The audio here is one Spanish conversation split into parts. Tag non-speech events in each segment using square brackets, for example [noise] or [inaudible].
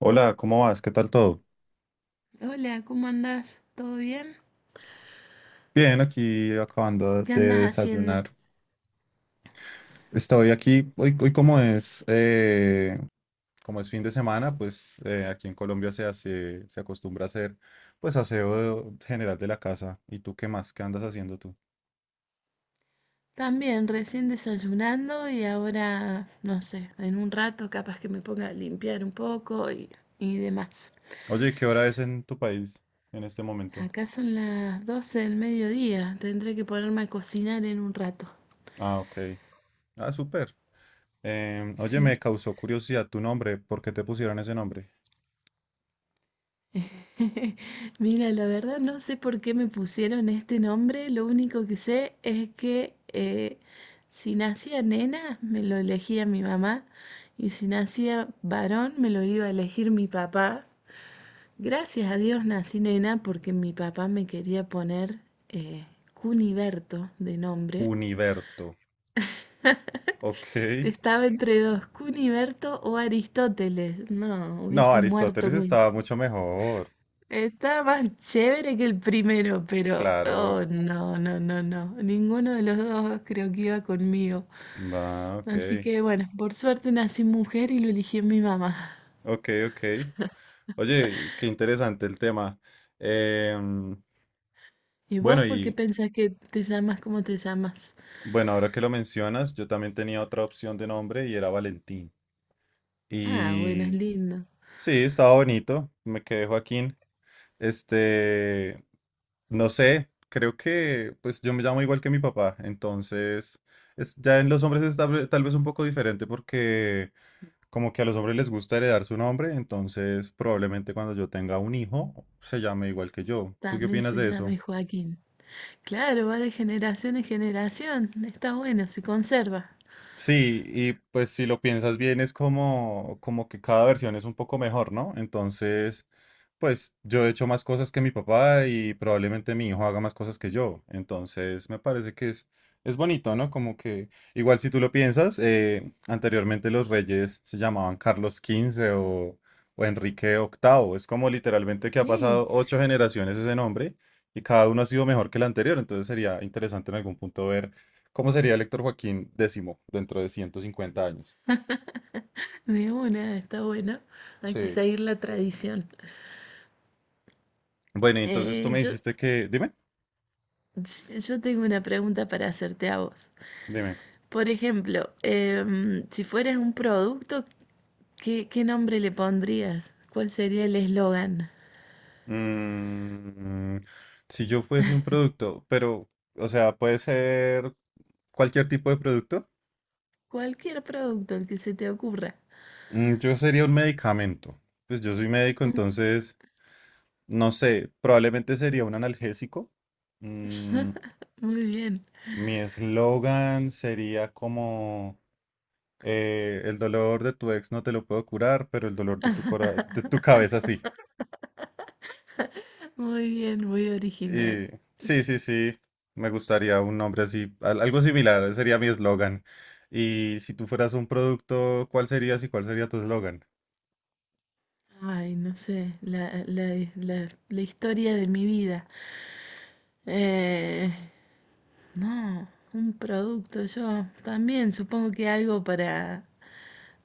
Hola, ¿cómo vas? ¿Qué tal todo? Hola, ¿cómo andás? ¿Todo bien? Bien, aquí acabando ¿Qué de andas haciendo? desayunar. Estoy aquí, hoy, hoy, como es fin de semana, pues aquí en Colombia se hace, se acostumbra a hacer pues aseo general de la casa. ¿Y tú qué más? ¿Qué andas haciendo tú? También, recién desayunando y ahora, no sé, en un rato capaz que me ponga a limpiar un poco y demás. Oye, ¿qué hora es en tu país en este momento? Acá son las 12 del mediodía, tendré que ponerme a cocinar en un rato. Ah, ok. Ah, súper. Oye, me Sí, causó curiosidad tu nombre. ¿Por qué te pusieron ese nombre? [laughs] mira, la verdad no sé por qué me pusieron este nombre, lo único que sé es que si nacía nena me lo elegía mi mamá y si nacía varón me lo iba a elegir mi papá. Gracias a Dios nací nena porque mi papá me quería poner eh, Cuniberto de nombre. Juniberto. Ok. Estaba entre dos, Cuniberto o Aristóteles. No, No, hubiese muerto. Aristóteles estaba mucho mejor. Está más chévere que el primero, pero oh Claro. no, no, no, no. Ninguno de los dos creo que iba conmigo. Va, ok. Así que bueno, por suerte nací mujer y lo eligió mi mamá. Ok, ok. Oye, y qué interesante el tema. Em, ¿Y bueno, vos por qué y pensás que te llamas como te llamas? bueno, ahora que lo mencionas, yo también tenía otra opción de nombre y era Valentín. Ah, bueno, es Y lindo. sí, estaba bonito. Me quedé Joaquín. Este, no sé, creo que pues yo me llamo igual que mi papá. Entonces, es, ya en los hombres es tal vez un poco diferente porque como que a los hombres les gusta heredar su nombre, entonces probablemente cuando yo tenga un hijo se llame igual que yo. ¿Tú qué También opinas se de eso? llama Joaquín. Claro, va de generación en generación. Está bueno, se conserva. Sí, y pues si lo piensas bien es como, como que cada versión es un poco mejor, ¿no? Entonces, pues yo he hecho más cosas que mi papá y probablemente mi hijo haga más cosas que yo. Entonces, me parece que es bonito, ¿no? Como que igual si tú lo piensas, anteriormente los reyes se llamaban Carlos XV o Enrique VIII. Es como literalmente que ha Sí, pasado 8 generaciones ese nombre y cada uno ha sido mejor que el anterior. Entonces sería interesante en algún punto ver ¿cómo sería el Héctor Joaquín X dentro de 150 años? de una, está bueno. Hay que Sí. seguir la tradición. Bueno, y entonces tú Eh, me yo, dijiste que, dime, Yo tengo una pregunta para hacerte a vos. dime, Por ejemplo, si fueras un producto, ¿qué nombre le pondrías? ¿Cuál sería el eslogan? mm, si yo fuese un producto, pero, o sea, puede ser cualquier tipo de producto, Cualquier producto, el que se te ocurra. mm, yo sería un medicamento. Pues yo soy médico, Mm, entonces, no sé, probablemente sería un analgésico. Mm, muy bien, mi eslogan sería como, el dolor de tu ex no te lo puedo curar, pero el dolor de tu de tu cabeza sí. muy bien, muy original. Y sí, sí, sí, me gustaría un nombre así, algo similar, ese sería mi eslogan. Y si tú fueras un producto, ¿cuál serías y cuál sería tu eslogan? Ay, no sé, la historia de mi vida. Eh, no, un producto, yo también supongo que algo para...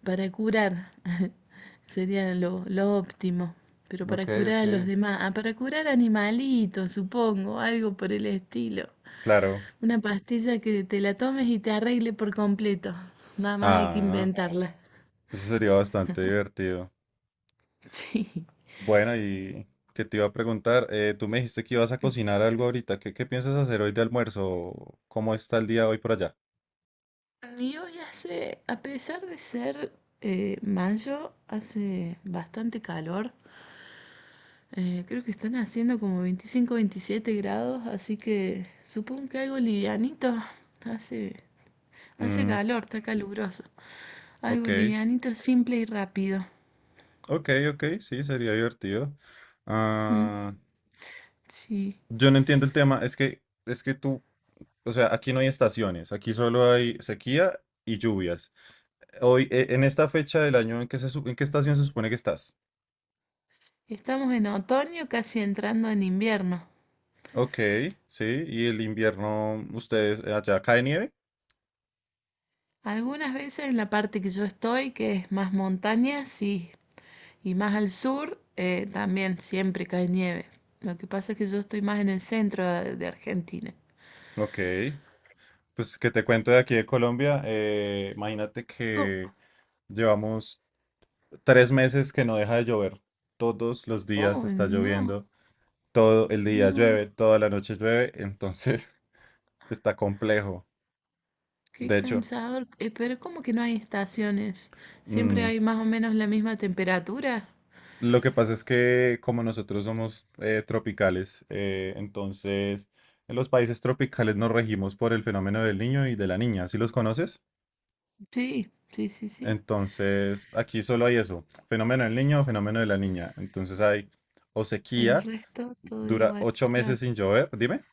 para curar. [laughs] Sería lo óptimo. Pero Ok, para curar ok. a los demás. Ah, para curar animalitos, supongo, algo por el estilo. Claro. Una pastilla que te la tomes y te arregle por completo. Nada más hay que Ah, inventarla. [laughs] eso sería bastante divertido. Sí. Bueno, y que te iba a preguntar, eh, tú me dijiste que ibas a cocinar algo ahorita. ¿Qué, qué piensas hacer hoy de almuerzo? ¿Cómo está el día hoy por allá? Y hoy hace, a pesar de ser mayo, hace bastante calor. Creo que están haciendo como 25 27 grados, así que supongo que algo livianito. Hace Hace Mm, calor, está caluroso. Algo ok, livianito, simple y rápido. ok, ok, sí, sería divertido. Mm, Ah, sí. yo no entiendo el tema. Es que tú, o sea, aquí no hay estaciones, aquí solo hay sequía y lluvias. Hoy, en esta fecha del año, ¿en qué en qué estación se supone que estás? Estamos en otoño, casi entrando en invierno. Ok, sí, y el invierno, ¿ustedes allá cae nieve? Algunas veces en la parte que yo estoy, que es más montaña, sí. Y más al sur, también siempre cae nieve. Lo que pasa es que yo estoy más en el centro de Argentina. Ok, pues que te cuento de aquí de Colombia, imagínate Co- que llevamos 3 meses que no deja de llover. Todos los días Oh, está no, lloviendo, todo el día no. llueve, toda la noche llueve, entonces [laughs] está complejo. Qué De hecho. cansador. Pero ¿cómo que no hay estaciones? ¿Siempre Mm, hay más o menos la misma temperatura? lo que pasa es que como nosotros somos tropicales, entonces en los países tropicales nos regimos por el fenómeno del niño y de la niña, ¿sí los conoces? Sí, sí, sí, sí. Entonces aquí solo hay eso, fenómeno del niño o fenómeno de la niña. Entonces hay o El sequía, resto todo dura igual, 8 meses claro. sin llover, dime,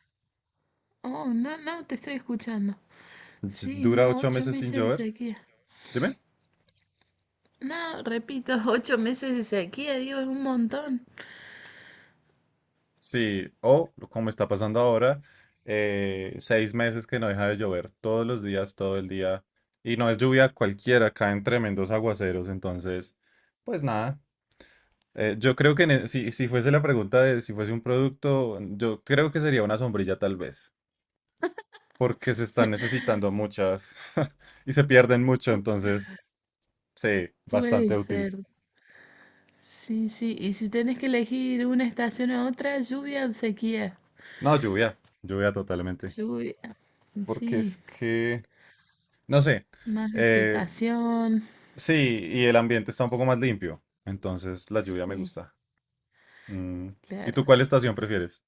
Oh, no, no, te estoy escuchando. Sí, dura no, ocho ocho meses sin meses de llover, sequía. dime. No, repito, [laughs] 8 meses de sequía, digo, es un montón. Sí, o como está pasando ahora, 6 meses que no deja de llover todos los días, todo el día, y no es lluvia cualquiera, caen tremendos aguaceros, entonces, pues nada, yo creo que si, si fuese la pregunta de si fuese un producto, yo creo que sería una sombrilla tal vez, porque se están necesitando muchas [laughs] y se pierden mucho, Pu- entonces, sí, puede bastante útil. ser. Sí, sí, y si tenés que elegir una estación a otra, lluvia o sequía. No, lluvia, lluvia totalmente, Lluvia, porque sí, es que, no sé. más eh, vegetación. Sí, y el ambiente está un poco más limpio, entonces la lluvia me Sí, gusta. Mm, ¿y claro. tú cuál estación prefieres?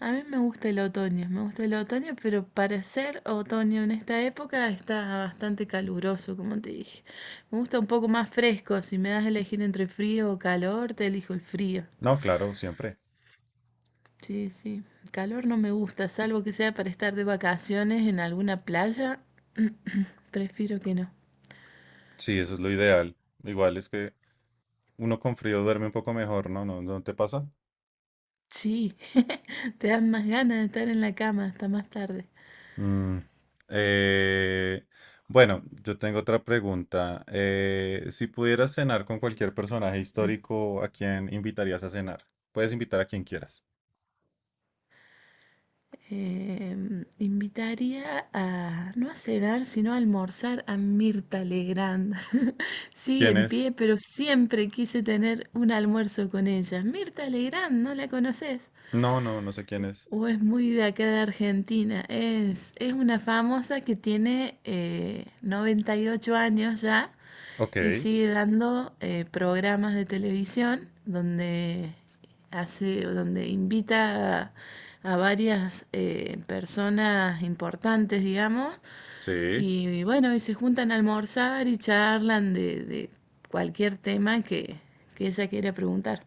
A mí me gusta el otoño, me gusta el otoño, pero para ser otoño en esta época está bastante caluroso, como te dije. Me gusta un poco más fresco, si me das a elegir entre frío o calor, te elijo el frío. No, claro, siempre. Sí, sí, el calor no me gusta, salvo que sea para estar de vacaciones en alguna playa, [clears throat] prefiero que no. Sí, eso es lo ideal. Igual es que uno con frío duerme un poco mejor, ¿no? ¿No, no te pasa? Sí, [laughs] te dan más ganas de estar en la cama hasta más tarde. Mm, eh, bueno, yo tengo otra pregunta. Si pudieras cenar con cualquier personaje histórico, ¿a quién invitarías a cenar? Puedes invitar a quien quieras. Invitaría a, no a cenar, sino a almorzar a Mirta Legrand. [laughs] Sigue ¿Quién en es? pie, pero siempre quise tener un almuerzo con ella. Mirta Legrand, ¿no la conoces? No, no, no sé quién es. O es muy de acá de Argentina. Es una famosa que tiene 98 años ya Ok, y sigue dando programas de televisión donde invita a varias personas importantes, digamos, sí. y bueno, y se juntan a almorzar y charlan de cualquier tema que ella quiera preguntar.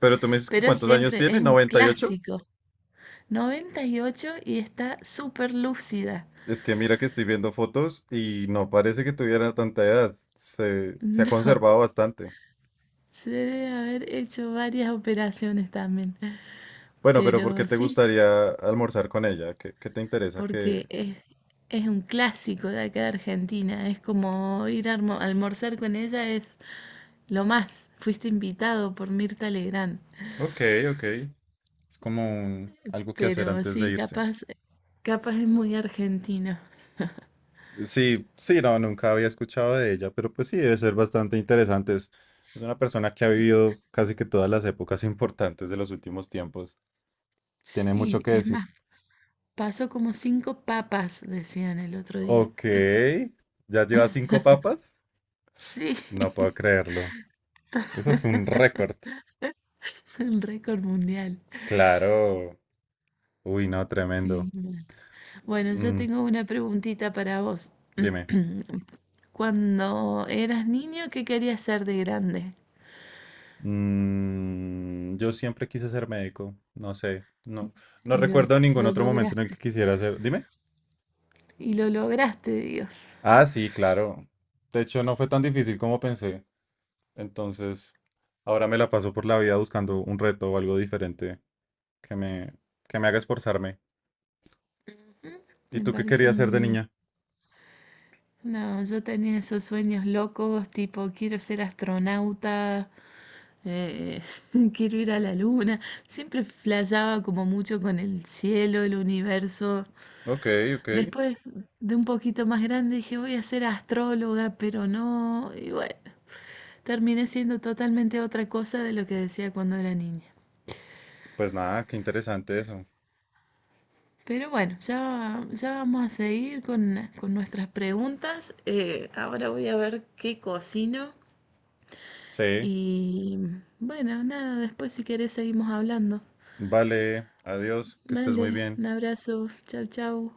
Pero tú me dices que Pero ¿cuántos años siempre tiene? es un 98. clásico. 98 y está súper lúcida. [laughs] Es que mira que estoy viendo fotos y no parece que tuviera tanta edad. Se ha No, conservado bastante. se debe haber hecho varias operaciones también. Bueno, pero ¿por qué Pero te sí, gustaría almorzar con ella? ¿Qué, qué te interesa porque que... es un clásico de acá de Argentina. Es como ir a almorzar con ella es lo más. Fuiste invitado por Mirta Legrand. Ok, ok. Es como algo que hacer Pero antes de sí, irse. capaz es muy argentino. Sí, sí, no, nunca había escuchado de ella, pero pues sí, debe ser bastante interesante. Es una persona que ha vivido casi que todas las épocas [laughs] importantes de los últimos tiempos. Tiene mucho Sí, que es decir. más, pasó como cinco papas, decían el otro día. Ok, ¿ya lleva 5 papas? Sí, No puedo [laughs] creerlo. Eso es un récord. un récord mundial. Claro. Uy, no, Sí, tremendo. bueno. Bueno, yo Mm, tengo una preguntita para vos. dime. [clears throat] Cuando eras niño, ¿qué querías ser de grande? Mm, yo siempre quise ser médico. No sé. No, no Y lo, recuerdo ningún lo otro momento en el que lograste. quisiera ser. Dime. Y lo lograste, Dios. Ah, sí, claro. De hecho, no fue tan difícil como pensé. Entonces, ahora me la paso por la vida buscando un reto o algo diferente que me, que me haga esforzarme. ¿Y Me tú qué parece querías ser muy de bien. niña? No, yo tenía esos sueños locos, tipo, quiero ser astronauta, eh, [laughs] quiero ir a la luna. Siempre flasheaba como mucho con el cielo, el universo. Ok, ok. Después de un poquito más grande dije, voy a ser astróloga, pero no. Y bueno, terminé siendo totalmente otra cosa de lo que decía cuando era niña. Pues nada, qué interesante eso. Pero bueno, ya, ya vamos a seguir con nuestras preguntas. Ahora voy a ver qué cocino. Sí. Y bueno, nada, después si querés seguimos hablando. Vale, adiós, que estés muy Dale, bien. un abrazo. Chau, chau.